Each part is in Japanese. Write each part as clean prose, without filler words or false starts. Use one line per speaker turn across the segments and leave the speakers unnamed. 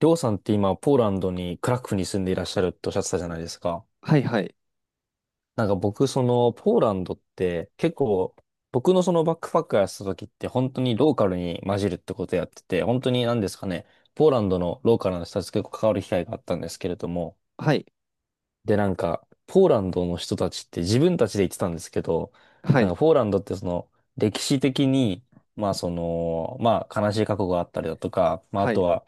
りょうさんって今、ポーランドに、クラクフに住んでいらっしゃるっておっしゃってたじゃないですか。
はいはい。
なんか僕、ポーランドって結構、僕のそのバックパックやってた時って本当にローカルに混じるってことやってて、本当に何ですかね、ポーランドのローカルの人たちと結構関わる機会があったんですけれども、
はい。
で、なんか、ポーランドの人たちって自分たちで言ってたんですけど、
は
なん
い。
かポーランドってその、歴史的に、まあ悲しい過去があったりだとか、まああ
は
と
い。
は、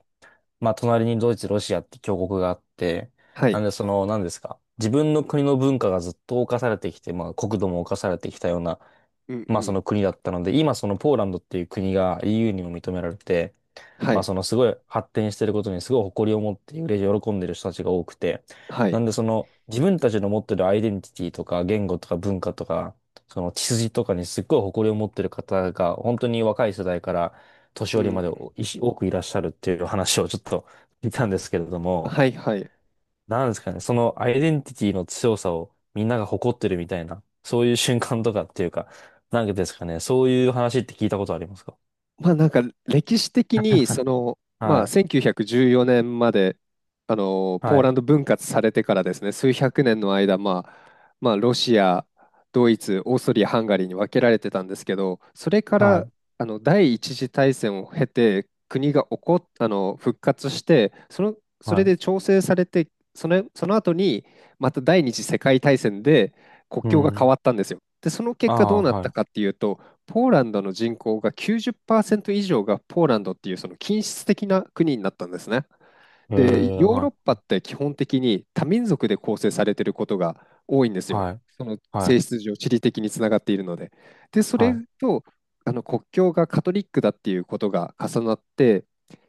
まあ、隣にドイツ、ロシアって強国があって、
は
なん
い。
でその、何ですか。自分の国の文化がずっと侵されてきて、まあ、国土も侵されてきたような、
うんう
まあ、そ
ん。
の国だったので、今そのポーランドっていう国が EU にも認められて、
は
まあ
い。
そのすごい発展してることにすごい誇りを持って嬉しい喜んでる人たちが多くて、
は
な
い。
んでその自分たちの持ってるアイデンティティとか言語とか文化とか、その血筋とかにすっごい誇りを持ってる方が本当に若い世代から年
う
寄りまで
ん。
おいし多くいらっしゃるっていう話をちょっと聞いたんですけれども、
はいはい。
なんですかね、そのアイデンティティの強さをみんなが誇ってるみたいな、そういう瞬間とかっていうか、なんかですかね、そういう話って聞いたことありますか？
まあなんか歴史的にその、まあ、
はい、
1914年までポ
は
ーラ
い、
ンド分割されてからですね、数百年の間、まあ、まあロシアドイツオーストリアハンガリーに分けられてたんですけど、それか
は
ら
い、
第一次大戦を経て国が起こっあの復活して、そ
は
れ
い。
で調整されて、その、その後にまた第二次世界大戦で国
う
境が変
ん。
わったんですよ。でその
あ
結果ど
あ、
うなった
は
かっていうと、ポーランドの人口が90%以上がポーランドっていうその均質的な国になったんですね。
い。え
で、
え、
ヨーロ
は
ッ
い。
パって基本的に多民族で構成されていることが多いんですよ。
はい。
その
は
性
い。
質上、地理的につながっているので。で、そ
は
れ
い。
と国境がカトリックだっていうことが重なって、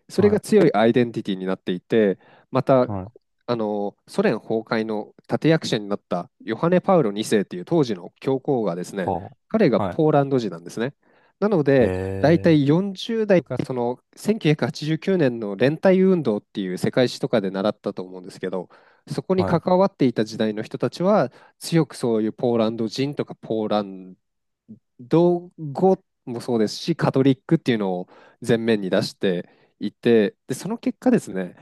それ
は
が強いアイデンティティになっていて、また
い。はい。
あのソ連崩壊の立役者になったヨハネ・パウロ2世っていう当時の教皇がですね、
ほ
彼が
う。は
ポーランド人なんですね。なの
い。
で、大
ええ、
体40代か、その1989年の連帯運動っていう世界史とかで習ったと思うんですけど、そこに
はい。
関わっていた時代の人たちは、強くそういうポーランド人とかポーランド語もそうですし、カトリックっていうのを前面に出していて、で、その結果ですね、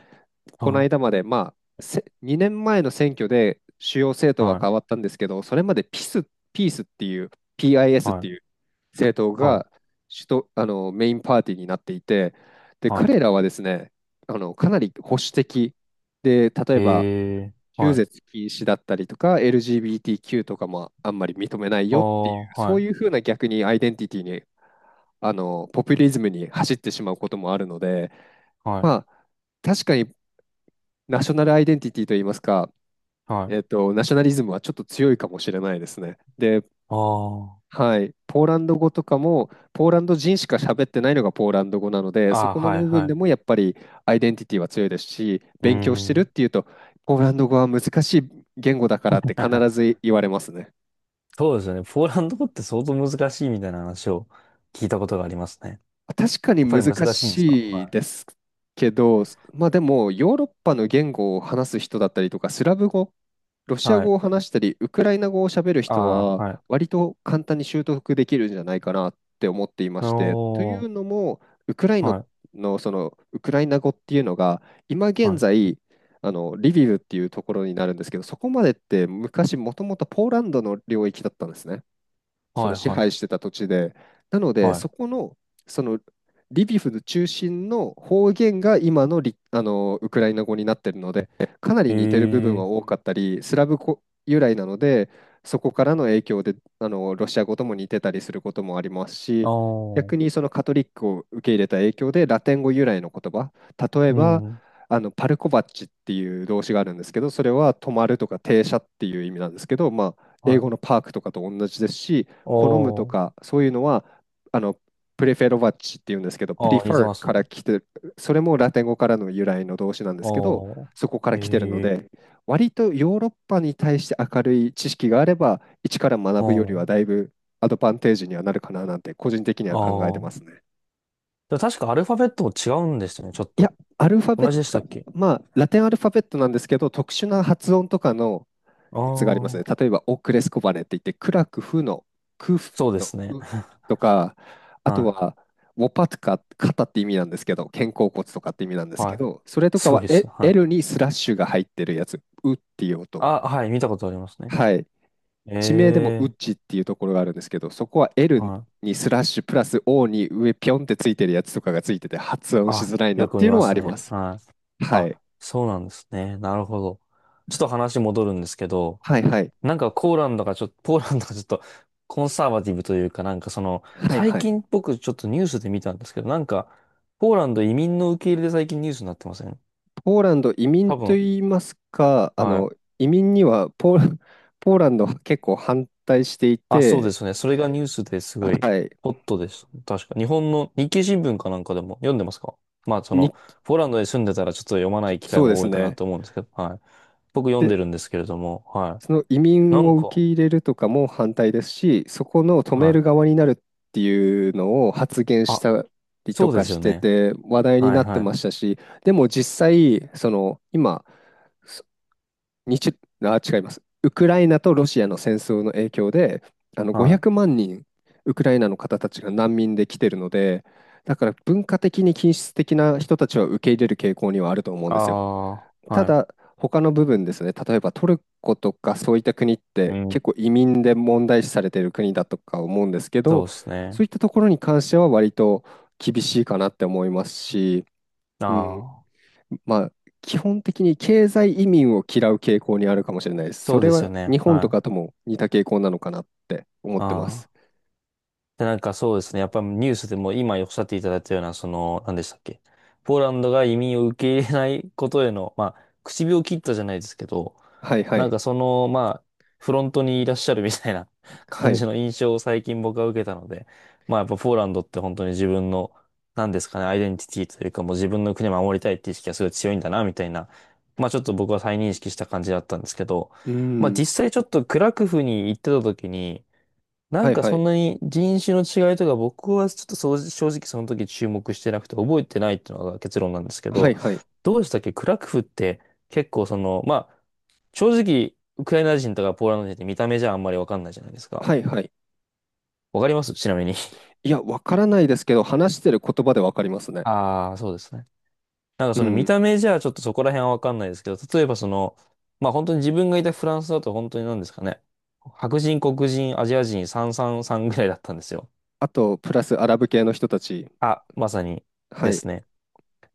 この
はい。
間まで、まあ、2年前の選挙で主要政党は
はい。
変わったんですけど、それまでピス、ピースっていう、PIS っ
は
て
い。
いう政党
はい。
が主とメインパーティーになっていて、で
は
彼らはですね、あのかなり保守的で、例
い。
えば
ええ、
中
は
絶
い。
禁止だったりとか、LGBTQ とかもあんまり認めない
あ
よっていう、
あ、
そ
は
う
い。
いうふうな逆にアイデンティティに、ポピュリズムに走ってしまうこともあるので、
はい。
まあ、確かにナショナルアイデンティティといいますか、
はい。
ナショナリズムはちょっと強いかもしれないですね。で、
ああ。
はい、ポーランド語とかもポーランド人しか喋ってないのがポーランド語なので、
あ
そ
あ、
この
はい。
部
は
分で
い。
もやっぱりアイデンティティは強いですし、
うー
勉強してるっ
ん。
ていうとポーランド語は難しい言語だからって必 ず言われますね。
そうですよね。ポーランド語って相当難しいみたいな話を聞いたことがありますね。
確かに
やっぱり
難
難しいんですか？
しい
は
ですけど、まあでもヨーロッパの言語を話す人だったりとかスラブ語、ロ
い。
シア
は
語
い。
を話したり、ウクライナ語を喋る
あ
人
あ、
は、
はい。
割と簡単に習得できるんじゃないかなって思っていまして、とい
おー。
うのも、ウクライナ
はい。
の、そのウクライナ語っていうのが、今
は
現
い。
在、あのリビウっていうところになるんですけど、そこまでって昔、もともとポーランドの領域だったんですね。そ
は
の
い。
支
は
配し
い。
てた土地で。なので、
はい。
そこの、そのリビフの中心の方言が今のリ、あのウクライナ語になってるので、かなり
え
似てる部分は
え、
多かったり、スラブ語由来なので、そこからの影響でロシア語とも似てたりすることもあります
あ
し、
あ。
逆にそのカトリックを受け入れた影響でラテン語由来の言葉、例え
う
ば
ん。
パルコバッチっていう動詞があるんですけど、それは止まるとか停車っていう意味なんですけど、まあ、英
はい。
語のパークとかと同じですし、好むと
おー。
か、そういうのは、あの、プレフェロバッチっていうんですけど、プリ
ああ、
フ
似て
ァー
ます
から
ね。
来てる、それもラテン語からの由来の動詞なんですけど、そこか
お
ら来てるの
ー。え
で、
え
割とヨーロッパに対して明るい知識があれば、一から
ー。
学ぶより
お
はだ
ー。
いぶアドバンテージにはなるかななんて、個人的には
あ
考えてます
あ。
ね。
でも確かアルファベットも違うんですよね、ちょっ
いや、
と。
アルファベッ
同じでした
ト、
っけ？
まあ、ラテンアルファベットなんですけど、特殊な発音とかの
あ
やつがありますね。
あー。
例えば、オクレスコバネって言って、クラクフの
そうですね。
ウとか、あと
は
は、ウォパトカ、肩って意味なんですけど、肩甲骨とかって意味なんで
い。
す
は
け
い。
ど、それとか
すご
は
いで
エ
す。は
L
い。
にスラッシュが入ってるやつ、ウっていう音。
あ、はい。見たことありますね。
はい。地名でもウ
え
ッ
え
チっていうところがあるんですけど、そこは
ー。
L
はい。
にスラッシュプラス O に上ピョンってついてるやつとかがついてて発音し
あ、
づらいな
よ
っ
く
て
見
いうの
ま
はあ
す
りま
ね。
す。
はい。
はい。
あ、そうなんですね。なるほど。ちょっと話戻るんですけど、
はいはい。
なんかポーランドがちょっと、ポーランドがちょっとコンサーバティブというかなんかその、
はい
最
は
近
い。
僕ちょっとニュースで見たんですけど、なんか、ポーランド移民の受け入れで最近ニュースになってません？
ポーランド移民
多
と
分、
言いますか、あ
はい。
の移民にはポーラ、ポーランドは結構反対してい
あ、そうで
て、
すね。それがニュースですごい
はい、
ホットです。確か。日本の日経新聞かなんかでも読んでますか？まあそ
に、
の、ポーランドに住んでたらちょっと読まない機会
そうで
も
す
多いかな
ね。
と思うんですけど、はい。僕読ん
で、
でるんですけれども、は
その移
い。な
民
ん
を受
か、
け入れるとかも反対ですし、そこの止め
は
る
い。
側になるっていうのを発言し
あ、
たりと
そうで
か
す
し
よ
て
ね。
て話題に
はい
なって
はい。
ましたし、でも実際、その今、にちゅ、あ、違います。ウクライナとロシアの戦争の影響で、あの
はい。
500万人、ウクライナの方たちが難民で来てるので、だから文化的に均質的な人たちは受け入れる傾向にはあると思うん
あ
ですよ。
あ、
た
はい。
だ、他の部分ですね、例えばトルコとかそういった国っ
う
て
ん。
結構移民で問題視されている国だとか思うんですけど、
そうです
そう
ね。
いったところに関しては割と厳しいかなって思いますし、
あ
うん、
あ、
まあ、基本的に経済移民を嫌う傾向にあるかもしれないです。そ
そう
れ
です
は
よね。
日本と
は
かと
い。
も似た傾向なのかなって思ってま
あ
す。
あ。で、なんかそうですね。やっぱニュースでも今おっしゃっていただいたような、その、何でしたっけ。ポーランドが移民を受け入れないことへの、まあ、唇を切ったじゃないですけど、
はいは
なん
い。
かその、まあ、フロントにいらっしゃるみたいな
は
感
い。
じ
う
の印象を最近僕は受けたので、まあやっぱポーランドって本当に自分の、なんですかね、アイデンティティというかもう自分の国を守りたいっていう意識がすごい強いんだな、みたいな、まあちょっと僕は再認識した感じだったんですけど、
ー
まあ
ん。
実際ちょっとクラクフに行ってた時に、な
は
ん
い
か
は
そ
い。
んなに人種の違いとか僕はちょっとそう正直その時注目してなくて覚えてないっていうのが結論なんですけ
は
ど、
いはい。
どうでしたっけクラクフって？結構その、まあ正直ウクライナ人とかポーランド人って見た目じゃあんまりわかんないじゃないですか。
はいはい。
わかりますちなみに。
いや、わからないですけど、話してる言葉でわかります ね。
ああ、そうですね。なんかそ
う
の見
ん。
た目じゃちょっとそこら辺はわかんないですけど、例えばその、まあ本当に自分がいたフランスだと本当に何ですかね。白人、黒人、アジア人、三三三ぐらいだったんですよ。
あと、プラスアラブ系の人たち。
あ、まさに
は
で
い。
すね。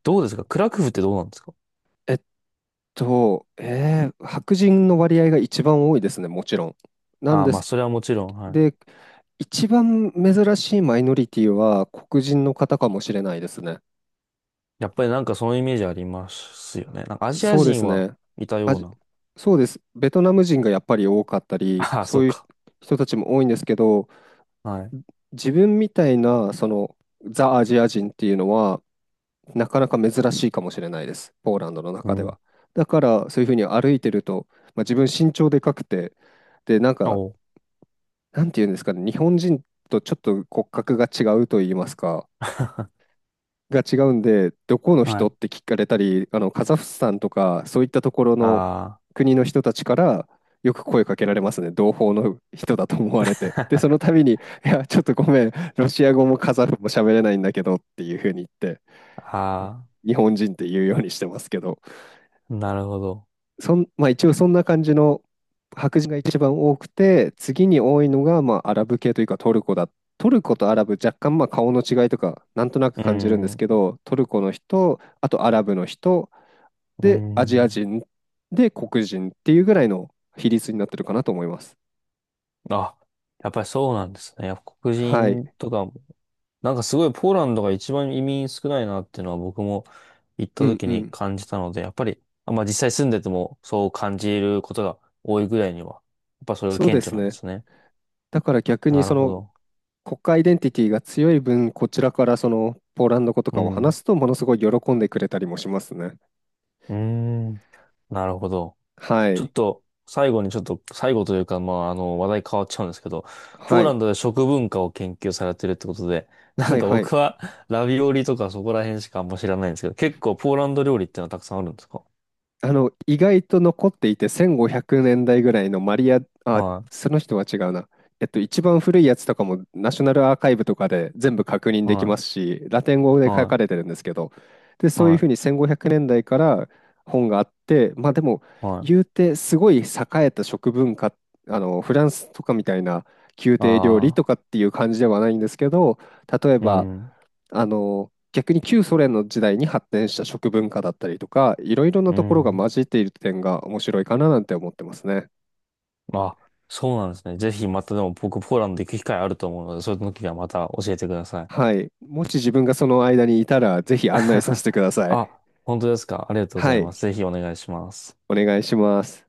どうですかクラクフってどうなんですか？
えっ白人の割合が一番多いですね、もちろん。なん
ああー、
で
まあ、
す。
それはもちろん、はい。
で、一番珍しいマイノリティは黒人の方かもしれないですね。
やっぱりなんかそのイメージありますよね。なんかアジア
そうで
人
す
は
ね。
いた
あ
よう
じ、
な。
そうです。ベトナム人がやっぱり多かったり、
ああ、
そ
そ
う
う
いう
か。
人たちも多いんですけど、
はい。
自分みたいな、その、ザ・アジア人っていうのは、なかなか珍しいかもしれないです。ポーランドの
う
中で
ん。
は。だから、そういうふうに歩いてると、まあ、自分身長でかくて、で、なんか、
おう。
なんていうんですかね、日本人とちょっと骨格が違うと言いますか、が違うんで、どこの
は
人
い。
って聞かれたり、あのカザフスタンとか、そういったところの
あ
国の人たちからよく声かけられますね、同胞の人だと思われて。で、その度に、いや、ちょっとごめん、ロシア語もカザフも喋れないんだけどっていうふうに言って、
あ、あ
日本人って言うようにしてますけど、
あ、なるほど。
そん、まあ一応そんな感じの、白人が一番多くて、次に多いのが、まあアラブ系というかトルコだ。トルコとアラブ若干まあ顔の違いとかなんとなく
うー
感じるんで
ん、
す
う
けど、トルコの人、あとアラブの人、
ー
で、アジア
ん。
人、で、黒人っていうぐらいの比率になってるかなと思います。
あ、やっぱりそうなんですね。やっぱ黒
はい。
人とかもなんかすごいポーランドが一番移民少ないなっていうのは僕も行った
うん
時
う
に
ん。
感じたので、やっぱり、あ、まあ実際住んでてもそう感じることが多いぐらいには、やっぱそれが
そう
顕
で
著
す
なんで
ね。
すね。
だから逆に
な
そ
るほ
の
ど。
国家アイデンティティが強い分、こちらからそのポーランド語と
う
かを
ん。
話すとものすごい喜んでくれたりもしますね。
うーん。なるほど。
は
ちょっ
い。
と最後にちょっと、最後というか、まああの話題変わっちゃうんですけど、ポ
は
ーラン
い。
ドで食文化を研究されてるってことで、な
は
ん
い
か
はい。
僕はラビオリとかそこら辺しかあんま知らないんですけど、結構ポーランド料理ってのはたくさんあるんですか？
あの、意外と残っていて、1500年代ぐらいのマリア、あ、
はい。
その人は違うな。一番古いやつとかもナショナルアーカイブとかで全部確認でき
は
ます
い。
し、ラテン語で書
は
かれて
い。
るんですけど、で、そうい
は
うふうに
い。
1500年代から本があって、まあでも、
は
言う
い。
てすごい栄えた食文化、あの、フランスとかみたいな宮廷料理と
ああ、
かっていう感じではないんですけど、例え
う
ば、
ん、
あの逆に旧ソ連の時代に発展した食文化だったりとか、いろいろな
う
ところが
ん。
混じっている点が面白いかななんて思ってますね。
あ、そうなんですね。ぜひまたでも僕ポーランド行く機会あると思うので、そういう時はまた教えてください。
はい。もし自分がその間にいたら、ぜひ案内させてく ださい。
あ、本当ですか。ありがとうご
は
ざいま
い。
す。ぜひお願いします。
お願いします。